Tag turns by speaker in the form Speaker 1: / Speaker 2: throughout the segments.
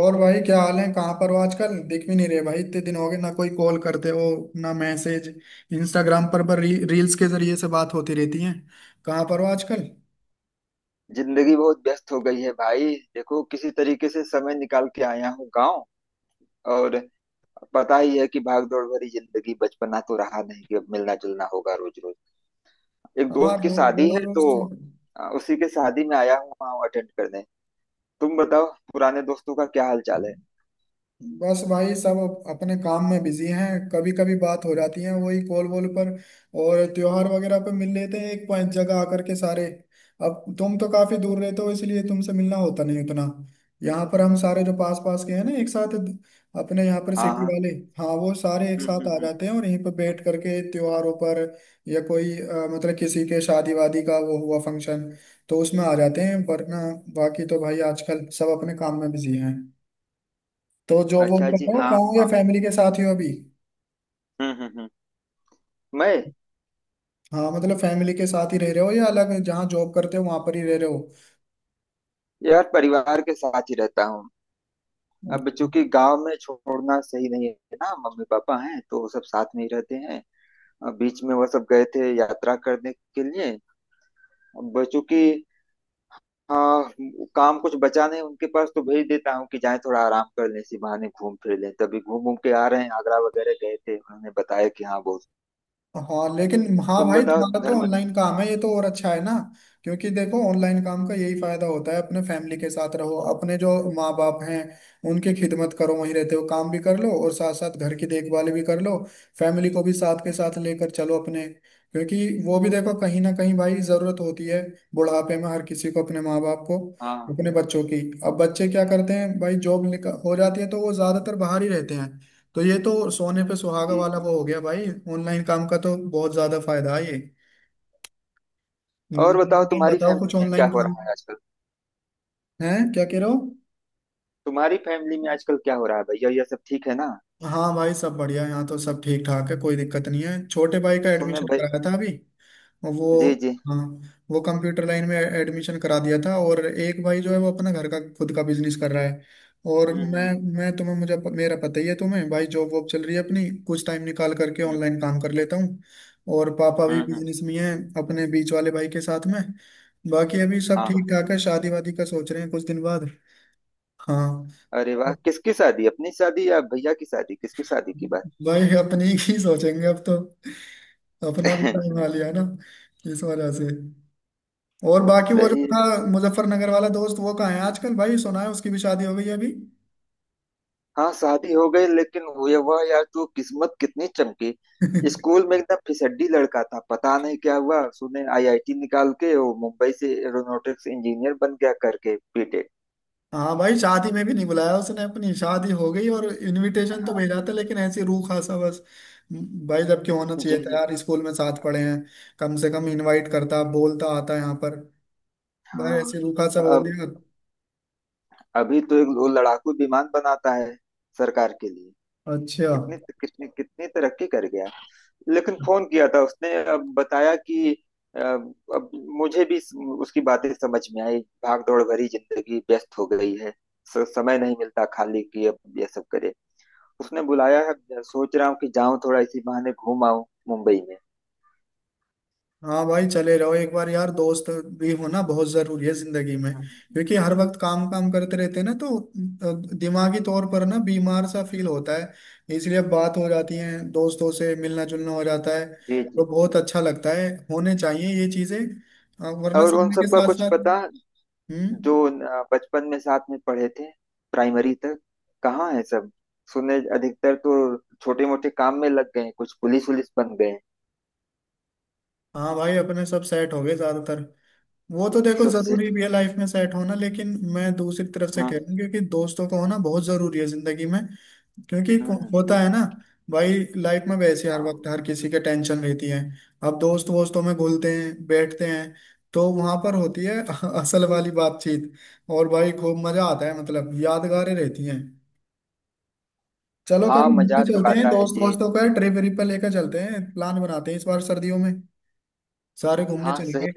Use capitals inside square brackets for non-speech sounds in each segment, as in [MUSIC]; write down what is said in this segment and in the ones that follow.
Speaker 1: और भाई क्या हाल है? कहाँ पर हो आजकल? दिख भी नहीं रहे भाई, इतने दिन हो गए ना। कोई कॉल करते हो ना मैसेज। इंस्टाग्राम पर रील्स के जरिए से बात होती रहती है। कहाँ पर हो आजकल?
Speaker 2: जिंदगी बहुत व्यस्त हो गई है भाई। देखो, किसी तरीके से समय निकाल के आया हूँ गांव। और पता ही है कि भाग दौड़ भरी जिंदगी, बचपना तो रहा नहीं कि अब मिलना जुलना होगा रोज रोज। एक
Speaker 1: हाँ,
Speaker 2: दोस्त की शादी
Speaker 1: रोज
Speaker 2: है
Speaker 1: रोज
Speaker 2: तो
Speaker 1: तो
Speaker 2: उसी के शादी में आया हूँ, वहाँ अटेंड करने। तुम बताओ, पुराने दोस्तों का क्या हाल चाल है?
Speaker 1: बस भाई सब अपने काम में बिजी हैं। कभी कभी बात हो जाती है वही कॉल वॉल पर। और त्योहार वगैरह पे मिल लेते हैं एक पॉइंट जगह आकर के सारे। अब तुम तो काफी दूर रहते हो, इसलिए तुमसे मिलना होता नहीं उतना। यहाँ पर हम सारे जो पास पास के हैं ना एक साथ, अपने यहाँ पर
Speaker 2: हाँ
Speaker 1: सिटी
Speaker 2: हाँ।
Speaker 1: वाले। हाँ, वो सारे एक
Speaker 2: हम्म
Speaker 1: साथ
Speaker 2: हम्म
Speaker 1: आ
Speaker 2: हम्म।
Speaker 1: जाते हैं और यहीं पर बैठ करके त्योहारों पर। या कोई मतलब किसी के शादी वादी का वो हुआ फंक्शन, तो उसमें आ जाते हैं। वरना बाकी तो भाई आजकल सब अपने काम में बिजी हैं। तो जॉब वॉब
Speaker 2: अच्छा
Speaker 1: कर
Speaker 2: जी,
Speaker 1: रहे हो
Speaker 2: हाँ।
Speaker 1: गाँव, या
Speaker 2: हाँ।
Speaker 1: फैमिली के साथ ही हो अभी?
Speaker 2: हम्म। मैं,
Speaker 1: हाँ मतलब फैमिली के साथ ही रह रहे हो, या अलग जहाँ जॉब करते हो वहां पर ही रह रहे
Speaker 2: यार, परिवार के साथ ही रहता हूँ।
Speaker 1: हो?
Speaker 2: अब चूंकि गांव में छोड़ना सही नहीं है ना, मम्मी पापा हैं तो सब साथ में ही रहते हैं। बीच में वो सब गए थे यात्रा करने के लिए। अब चूंकि, हाँ, काम कुछ बचा नहीं उनके पास तो भेज देता हूँ कि जाएं, थोड़ा आराम कर लें, इसी बहाने घूम फिर लें। तभी घूम घूम के आ रहे हैं, आगरा वगैरह गए थे, उन्होंने बताया कि हाँ बहुत।
Speaker 1: हाँ लेकिन हाँ
Speaker 2: तुम
Speaker 1: भाई
Speaker 2: बताओ,
Speaker 1: तुम्हारा तो
Speaker 2: घर में।
Speaker 1: ऑनलाइन काम है, ये तो और अच्छा है ना। क्योंकि देखो ऑनलाइन काम का यही फायदा होता है, अपने फैमिली के साथ रहो, अपने जो माँ बाप हैं उनकी खिदमत करो, वहीं रहते हो, काम भी कर लो और साथ साथ घर की देखभाल भी कर लो। फैमिली को भी साथ के साथ लेकर चलो अपने। क्योंकि वो भी देखो कहीं ना कहीं भाई जरूरत होती है बुढ़ापे में हर किसी को अपने माँ बाप को,
Speaker 2: हाँ।
Speaker 1: अपने बच्चों की। अब बच्चे क्या करते हैं भाई? जॉब निकल हो जाती है तो वो ज्यादातर बाहर ही रहते हैं। तो ये तो सोने पे सुहागा
Speaker 2: जी
Speaker 1: वाला
Speaker 2: जी
Speaker 1: वो हो
Speaker 2: जी।
Speaker 1: गया भाई। ऑनलाइन काम का तो बहुत ज्यादा फायदा है ये।
Speaker 2: और बताओ,
Speaker 1: हम्म। टाइम
Speaker 2: तुम्हारी
Speaker 1: बताओ, कुछ
Speaker 2: फैमिली में क्या
Speaker 1: ऑनलाइन
Speaker 2: हो
Speaker 1: काम
Speaker 2: रहा है आजकल?
Speaker 1: है क्या, कह रहे हो?
Speaker 2: तुम्हारी फैमिली में आजकल क्या हो रहा है भैया, यह सब ठीक है ना?
Speaker 1: हाँ भाई सब बढ़िया, यहाँ तो सब ठीक ठाक है, कोई दिक्कत नहीं है। छोटे भाई का
Speaker 2: सुने
Speaker 1: एडमिशन
Speaker 2: भाई।
Speaker 1: कराया था अभी वो,
Speaker 2: जी जी।
Speaker 1: हाँ, वो कंप्यूटर लाइन में एडमिशन करा दिया था। और एक भाई जो है वो अपना घर का खुद का बिजनेस कर रहा है। और
Speaker 2: हम्म हम्म
Speaker 1: मैं तुम्हें मुझे, मेरा पता ही है तुम्हें भाई, जॉब वॉब चल रही है अपनी, कुछ टाइम निकाल करके
Speaker 2: हम्म।
Speaker 1: ऑनलाइन काम कर लेता हूँ। और पापा भी
Speaker 2: हम्म हम्म,
Speaker 1: बिजनेस में हैं, अपने बीच वाले भाई के साथ में। बाकी अभी सब
Speaker 2: हाँ
Speaker 1: ठीक
Speaker 2: हाँ।
Speaker 1: ठाक है। शादी वादी का सोच रहे हैं कुछ दिन बाद। हाँ
Speaker 2: अरे वाह, किसकी शादी? अपनी शादी या भैया की शादी? किसकी शादी की बात?
Speaker 1: भाई अपनी ही सोचेंगे अब तो, अपना भी टाइम आ
Speaker 2: [LAUGHS]
Speaker 1: लिया ना, इस वजह से। और बाकी वो जो
Speaker 2: सही है।
Speaker 1: था मुजफ्फरनगर वाला दोस्त, वो कहाँ है आजकल भाई? सुना है उसकी भी शादी हो गई है अभी।
Speaker 2: हाँ, शादी हो गई, लेकिन हुए वह यार, तू किस्मत कितनी चमकी।
Speaker 1: [LAUGHS]
Speaker 2: स्कूल में एकदम फिसड्डी लड़का था, पता नहीं क्या हुआ, सुने आईआईटी निकाल के वो मुंबई से एरोनॉटिक्स इंजीनियर बन गया करके बीटेक।
Speaker 1: हाँ भाई, शादी में भी नहीं बुलाया उसने, अपनी शादी हो गई। और इनविटेशन तो
Speaker 2: हाँ।
Speaker 1: भेजा था लेकिन ऐसी रूह खासा बस भाई, जबकि होना
Speaker 2: जी
Speaker 1: चाहिए था
Speaker 2: जी।
Speaker 1: यार, स्कूल में साथ पढ़े हैं। कम से कम इनवाइट करता, बोलता आता यहाँ पर। भाई
Speaker 2: हाँ।
Speaker 1: ऐसे रूखा सा बोल
Speaker 2: अब,
Speaker 1: दिया।
Speaker 2: अभी तो एक वो लड़ाकू विमान बनाता है सरकार के लिए।
Speaker 1: अच्छा।
Speaker 2: कितनी कितनी कितनी तरक्की कर गया। लेकिन फोन किया था उसने, अब बताया कि अ, अब मुझे भी उसकी बातें समझ में आई। भाग दौड़ भरी जिंदगी व्यस्त हो गई है। समय नहीं मिलता खाली कि अब ये सब करे। उसने बुलाया है, सोच रहा हूँ कि जाऊं, थोड़ा इसी बहाने घूम आऊं मुंबई में।
Speaker 1: हाँ भाई चले रहो एक बार, यार दोस्त भी होना बहुत जरूरी है जिंदगी में। क्योंकि हर वक्त काम काम करते रहते हैं ना तो दिमागी तौर पर ना बीमार सा फील होता है। इसलिए अब बात हो जाती है, दोस्तों से मिलना जुलना हो जाता है
Speaker 2: जी
Speaker 1: तो
Speaker 2: जी।
Speaker 1: बहुत अच्छा लगता है। होने चाहिए ये चीजें, वरना
Speaker 2: और उन
Speaker 1: समय के
Speaker 2: सबका
Speaker 1: साथ
Speaker 2: कुछ
Speaker 1: साथ।
Speaker 2: पता?
Speaker 1: हम्म।
Speaker 2: जो बचपन में साथ में पढ़े थे प्राइमरी तक, कहाँ है सब? सुने अधिकतर तो छोटे मोटे काम में लग गए हैं, कुछ पुलिस वुलिस बन गए हैं।
Speaker 1: हाँ भाई अपने सब सेट हो गए ज्यादातर। वो तो देखो
Speaker 2: सब
Speaker 1: जरूरी
Speaker 2: सेट।
Speaker 1: भी है लाइफ में सेट होना, लेकिन मैं दूसरी तरफ से कह
Speaker 2: हम्म
Speaker 1: रहा हूँ क्योंकि दोस्तों का होना बहुत जरूरी है जिंदगी में। क्योंकि
Speaker 2: हम्म।
Speaker 1: होता है ना भाई, लाइफ में वैसे हर वक्त
Speaker 2: हाँ
Speaker 1: हर किसी के टेंशन रहती है। अब दोस्त वोस्तों में घुलते हैं बैठते हैं तो वहां पर होती है [LAUGHS] असल वाली बातचीत। और भाई खूब मजा आता है, मतलब यादगारें रहती हैं। चलो
Speaker 2: हाँ,
Speaker 1: कभी घूमने
Speaker 2: मजा तो
Speaker 1: चलते हैं,
Speaker 2: आता है
Speaker 1: दोस्त
Speaker 2: जी।
Speaker 1: वोस्तों का ट्रिप व्रिप पर लेकर चलते हैं। प्लान बनाते हैं इस बार सर्दियों में, सारे घूमने
Speaker 2: हाँ सही।
Speaker 1: चलेंगे।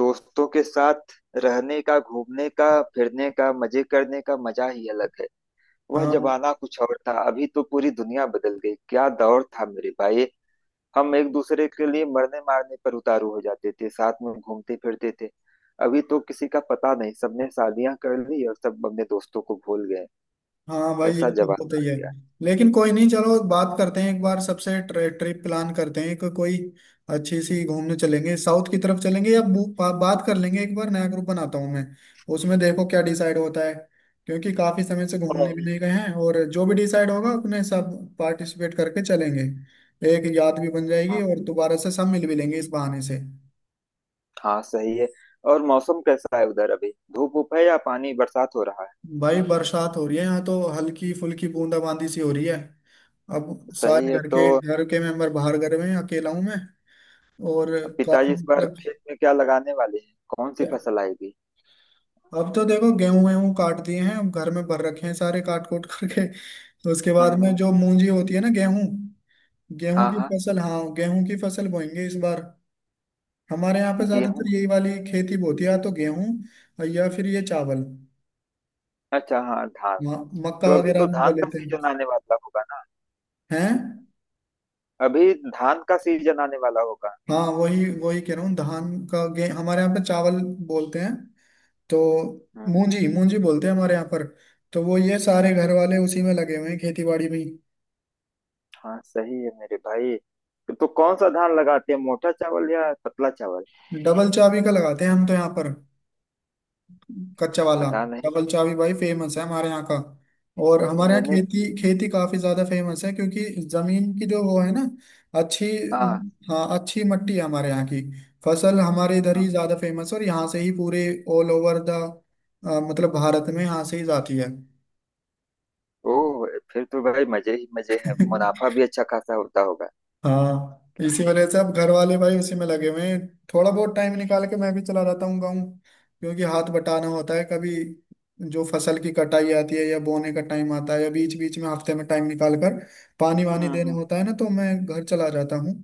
Speaker 2: दोस्तों के साथ रहने का, घूमने का, फिरने का, मजे करने का मजा ही अलग है। वह
Speaker 1: हाँ
Speaker 2: जमाना कुछ और था, अभी तो पूरी दुनिया बदल गई। क्या दौर था मेरे भाई। हम एक दूसरे के लिए मरने मारने पर उतारू हो जाते थे, साथ में घूमते फिरते थे। अभी तो किसी का पता नहीं, सबने शादियां कर ली और सब अपने दोस्तों को भूल गए।
Speaker 1: हाँ भाई ये
Speaker 2: ऐसा
Speaker 1: तो होता
Speaker 2: जमाना
Speaker 1: ही
Speaker 2: आ
Speaker 1: है।
Speaker 2: गया।
Speaker 1: लेकिन कोई नहीं, चलो बात करते हैं एक बार सबसे, ट्रिप प्लान करते हैं, कोई अच्छी सी घूमने चलेंगे, साउथ की तरफ चलेंगे, या बात कर लेंगे एक बार, नया ग्रुप बनाता हूँ मैं उसमें, देखो क्या डिसाइड होता है। क्योंकि काफी समय से घूमने भी नहीं गए हैं। और जो भी डिसाइड होगा अपने सब पार्टिसिपेट करके चलेंगे, एक याद भी बन जाएगी
Speaker 2: हाँ।
Speaker 1: और दोबारा से सब मिल भी लेंगे इस बहाने से।
Speaker 2: हाँ सही है। और मौसम कैसा है उधर? अभी धूप उप है या पानी बरसात हो रहा है?
Speaker 1: भाई बरसात हो रही है यहाँ तो, हल्की फुल्की बूंदाबांदी सी हो रही है। अब
Speaker 2: सही
Speaker 1: सारे
Speaker 2: है
Speaker 1: घर
Speaker 2: तो।
Speaker 1: के घर के मेंबर बाहर, घर में अकेला हूँ मैं। और काफी
Speaker 2: पिताजी इस बार
Speaker 1: मतलब,
Speaker 2: खेत में क्या लगाने वाले हैं? कौन सी फसल आएगी?
Speaker 1: अब तो देखो गेहूं वेहूं काट दिए हैं, अब घर में भर रखे हैं सारे काट कूट [LAUGHS] करके। तो उसके बाद में
Speaker 2: हम्म।
Speaker 1: जो मूंजी होती है ना, गेहूं गेहूं
Speaker 2: हाँ
Speaker 1: की
Speaker 2: हाँ।
Speaker 1: फसल हाँ गेहूं की फसल बोएंगे इस बार। हमारे यहाँ पे ज्यादातर
Speaker 2: गेहूं।
Speaker 1: यही वाली खेती होती है, या तो गेहूं या फिर ये चावल।
Speaker 2: अच्छा, हाँ, धान।
Speaker 1: म- मक्का
Speaker 2: तो अभी
Speaker 1: वगैरह
Speaker 2: तो
Speaker 1: भी
Speaker 2: धान
Speaker 1: बोले
Speaker 2: का
Speaker 1: थे।
Speaker 2: सीजन आने वाला होगा ना?
Speaker 1: हैं?
Speaker 2: अभी धान का सीजन आने वाला होगा।
Speaker 1: हाँ वही वही कह रहा हूँ, धान का गे, हमारे यहाँ पे चावल बोलते हैं। तो
Speaker 2: हम्म।
Speaker 1: मूंजी मूंजी बोलते हैं हमारे यहाँ पर। तो वो ये सारे घर वाले उसी में लगे हुए हैं, खेती बाड़ी में ही।
Speaker 2: हाँ सही है मेरे भाई। तो कौन सा धान लगाते हैं, मोटा चावल या पतला चावल?
Speaker 1: डबल चाबी का लगाते हैं हम तो यहाँ पर, कच्चा वाला।
Speaker 2: पता नहीं।
Speaker 1: डबल चाबी भाई फेमस है हमारे यहाँ का। और हमारे यहाँ
Speaker 2: मैंने,
Speaker 1: खेती खेती काफी ज्यादा फेमस है, क्योंकि जमीन की जो वो है ना, अच्छी।
Speaker 2: हाँ
Speaker 1: हाँ अच्छी मट्टी है हमारे यहाँ की। फसल हमारे इधर ही
Speaker 2: हाँ।
Speaker 1: ज्यादा फेमस है, और यहाँ से ही पूरे ऑल ओवर द, मतलब भारत में यहाँ से ही जाती है।
Speaker 2: ओह। फिर तो भाई मजे ही मजे हैं, मुनाफा भी अच्छा खासा होता होगा।
Speaker 1: हाँ इसी वजह से अब घर वाले भाई उसी में लगे हुए हैं। थोड़ा बहुत टाइम निकाल के मैं भी चला जाता हूँ गाँव, क्योंकि हाथ बटाना होता है कभी। जो फसल की कटाई आती है, या बोने का टाइम आता है, या बीच बीच में हफ्ते में टाइम निकाल कर पानी वानी
Speaker 2: हम्म
Speaker 1: देना
Speaker 2: हम्म।
Speaker 1: होता है ना, तो मैं घर चला जाता हूँ।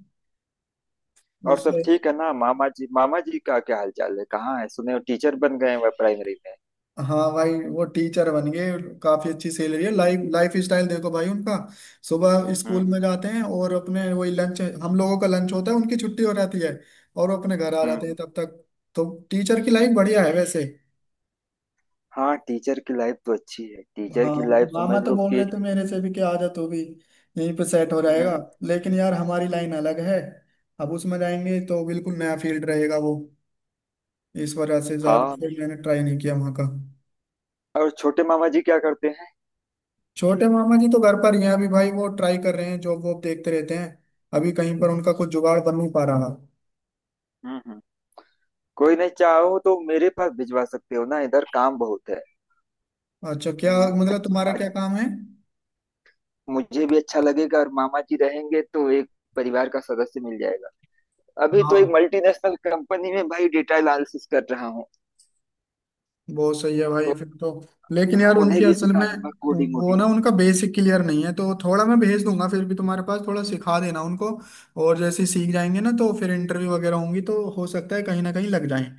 Speaker 2: और सब
Speaker 1: उससे,
Speaker 2: ठीक है ना? मामा जी, मामा जी का क्या हाल चाल है? कहाँ है? सुने हो टीचर बन गए हैं, वह प्राइमरी में।
Speaker 1: हाँ भाई वो टीचर बन गए। काफी अच्छी सैलरी है, लाइफ लाइफ स्टाइल देखो भाई उनका। सुबह
Speaker 2: हम्म
Speaker 1: स्कूल
Speaker 2: हम्म
Speaker 1: में जाते हैं और अपने वही लंच, हम लोगों का लंच होता है उनकी छुट्टी हो जाती है। और वो अपने घर आ जाते
Speaker 2: हम्म।
Speaker 1: हैं तब तक। तो टीचर की लाइफ बढ़िया है वैसे।
Speaker 2: हाँ, टीचर की लाइफ तो अच्छी है, टीचर
Speaker 1: हाँ
Speaker 2: की लाइफ
Speaker 1: मामा
Speaker 2: समझ
Speaker 1: तो
Speaker 2: लो
Speaker 1: बोल रहे
Speaker 2: कि,
Speaker 1: थे मेरे से भी कि आ जा तू भी, यहीं पे सेट हो
Speaker 2: हम्म।
Speaker 1: जाएगा। लेकिन यार हमारी लाइन अलग है। अब उसमें जाएंगे तो बिल्कुल नया फील्ड रहेगा वो, इस वजह से ज्यादा
Speaker 2: हाँ।
Speaker 1: फिर मैंने ट्राई नहीं किया वहाँ का।
Speaker 2: और छोटे मामा जी क्या करते हैं?
Speaker 1: छोटे मामा जी तो घर पर ही हैं अभी भाई, वो ट्राई कर रहे हैं, जॉब वॉब देखते रहते हैं। अभी कहीं पर उनका कुछ जुगाड़ बन नहीं पा रहा।
Speaker 2: हम्म हम्म। कोई नहीं, चाहो तो मेरे पास भिजवा सकते हो ना, इधर काम बहुत है।
Speaker 1: अच्छा क्या? मतलब
Speaker 2: अच्छा,
Speaker 1: तुम्हारा क्या
Speaker 2: अच्छा,
Speaker 1: काम है?
Speaker 2: मुझे भी अच्छा लगेगा, और मामा जी रहेंगे तो एक परिवार का सदस्य मिल जाएगा। अभी तो
Speaker 1: हाँ
Speaker 2: एक मल्टीनेशनल कंपनी में भाई डेटा एनालिसिस कर रहा हूँ,
Speaker 1: बहुत सही है भाई
Speaker 2: तो
Speaker 1: फिर तो। लेकिन यार
Speaker 2: उन्हें
Speaker 1: उनकी
Speaker 2: भी
Speaker 1: असल
Speaker 2: सिखा
Speaker 1: में
Speaker 2: दूंगा कोडिंग
Speaker 1: वो
Speaker 2: वोडिंग।
Speaker 1: ना, उनका बेसिक क्लियर नहीं है। तो थोड़ा मैं भेज दूंगा फिर भी तुम्हारे पास, थोड़ा सिखा देना उनको। और जैसे ही सीख जाएंगे ना तो फिर इंटरव्यू वगैरह होंगी तो हो सकता है कहीं ना कहीं लग जाए।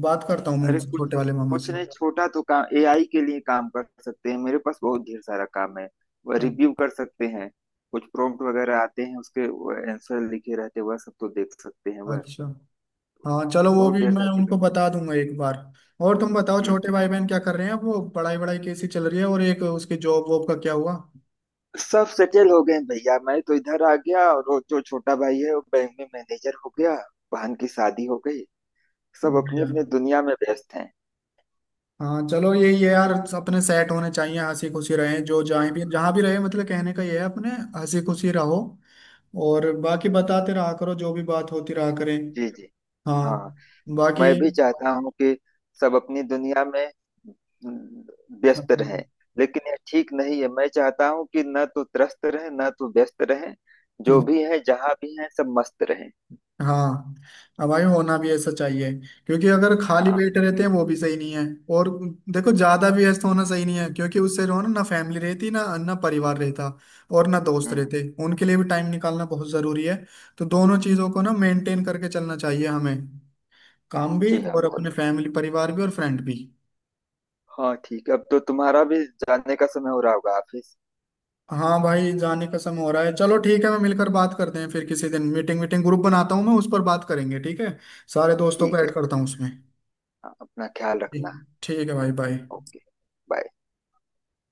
Speaker 1: बात करता हूँ मैं
Speaker 2: अरे
Speaker 1: उनसे,
Speaker 2: कुछ,
Speaker 1: छोटे वाले मामा
Speaker 2: कुछ
Speaker 1: से।
Speaker 2: नहीं, छोटा तो काम, एआई के लिए काम कर सकते हैं, मेरे पास बहुत ढेर सारा काम है। वह
Speaker 1: अ-
Speaker 2: रिव्यू कर सकते हैं। कुछ प्रॉम्प्ट वगैरह आते हैं उसके, आंसर लिखे रहते हैं, वह सब तो देख सकते हैं वह।
Speaker 1: अच्छा, हाँ चलो, वो
Speaker 2: बहुत
Speaker 1: भी
Speaker 2: ढेर
Speaker 1: मैं
Speaker 2: सारी
Speaker 1: उनको बता
Speaker 2: कंपनी।
Speaker 1: दूंगा एक बार। और तुम बताओ
Speaker 2: हम्म
Speaker 1: छोटे
Speaker 2: हम्म।
Speaker 1: भाई बहन क्या कर रहे हैं अब, वो पढ़ाई वढ़ाई कैसी चल रही है, और एक उसके जॉब वॉब का क्या हुआ?
Speaker 2: सब सेटल हो गए हैं भैया। मैं तो इधर आ गया, और वो जो छोटा भाई है वो बैंक में मैनेजर हो गया, बहन की शादी हो गई। सब अपनी
Speaker 1: बढ़िया।
Speaker 2: अपनी दुनिया में व्यस्त हैं।
Speaker 1: हाँ चलो यही है यार, अपने सेट होने चाहिए, हंसी खुशी रहे जो जहाँ भी रहे। मतलब कहने का ये है अपने हंसी खुशी रहो। और बाकी बताते रहा करो, जो भी बात होती रहा करें।
Speaker 2: जी जी।
Speaker 1: हाँ।
Speaker 2: हाँ।
Speaker 1: बाकी,
Speaker 2: मैं भी चाहता हूँ कि सब अपनी दुनिया में व्यस्त
Speaker 1: हम्म,
Speaker 2: रहें, लेकिन ये ठीक नहीं है। मैं चाहता हूँ कि न तो त्रस्त रहें, न तो व्यस्त रहें, जो भी है जहाँ भी है, सब मस्त रहें।
Speaker 1: हाँ। अब भाई होना भी ऐसा चाहिए, क्योंकि अगर खाली
Speaker 2: हाँ।
Speaker 1: पेट रहते हैं वो भी सही नहीं है। और देखो ज्यादा भी व्यस्त होना सही नहीं है, क्योंकि उससे जो है ना ना फैमिली रहती ना ना परिवार रहता, और ना दोस्त
Speaker 2: हम्म।
Speaker 1: रहते। उनके लिए भी टाइम निकालना बहुत जरूरी है। तो दोनों चीजों को ना मेंटेन करके चलना चाहिए हमें, काम भी
Speaker 2: जी हाँ,
Speaker 1: और अपने
Speaker 2: बहुत
Speaker 1: फैमिली परिवार भी और फ्रेंड भी।
Speaker 2: बढ़िया। हाँ ठीक है, अब तो तुम्हारा भी जाने का समय हो रहा होगा ऑफिस।
Speaker 1: हाँ भाई जाने का समय हो रहा है, चलो ठीक है, मैं मिलकर बात करते हैं फिर किसी दिन। मीटिंग मीटिंग ग्रुप बनाता हूँ मैं, उस पर बात करेंगे, ठीक है? सारे दोस्तों को
Speaker 2: ठीक है।
Speaker 1: ऐड करता हूँ उसमें।
Speaker 2: हाँ, अपना ख्याल
Speaker 1: ठीक,
Speaker 2: रखना।
Speaker 1: ठीक है भाई, बाय।
Speaker 2: ओके। बाय।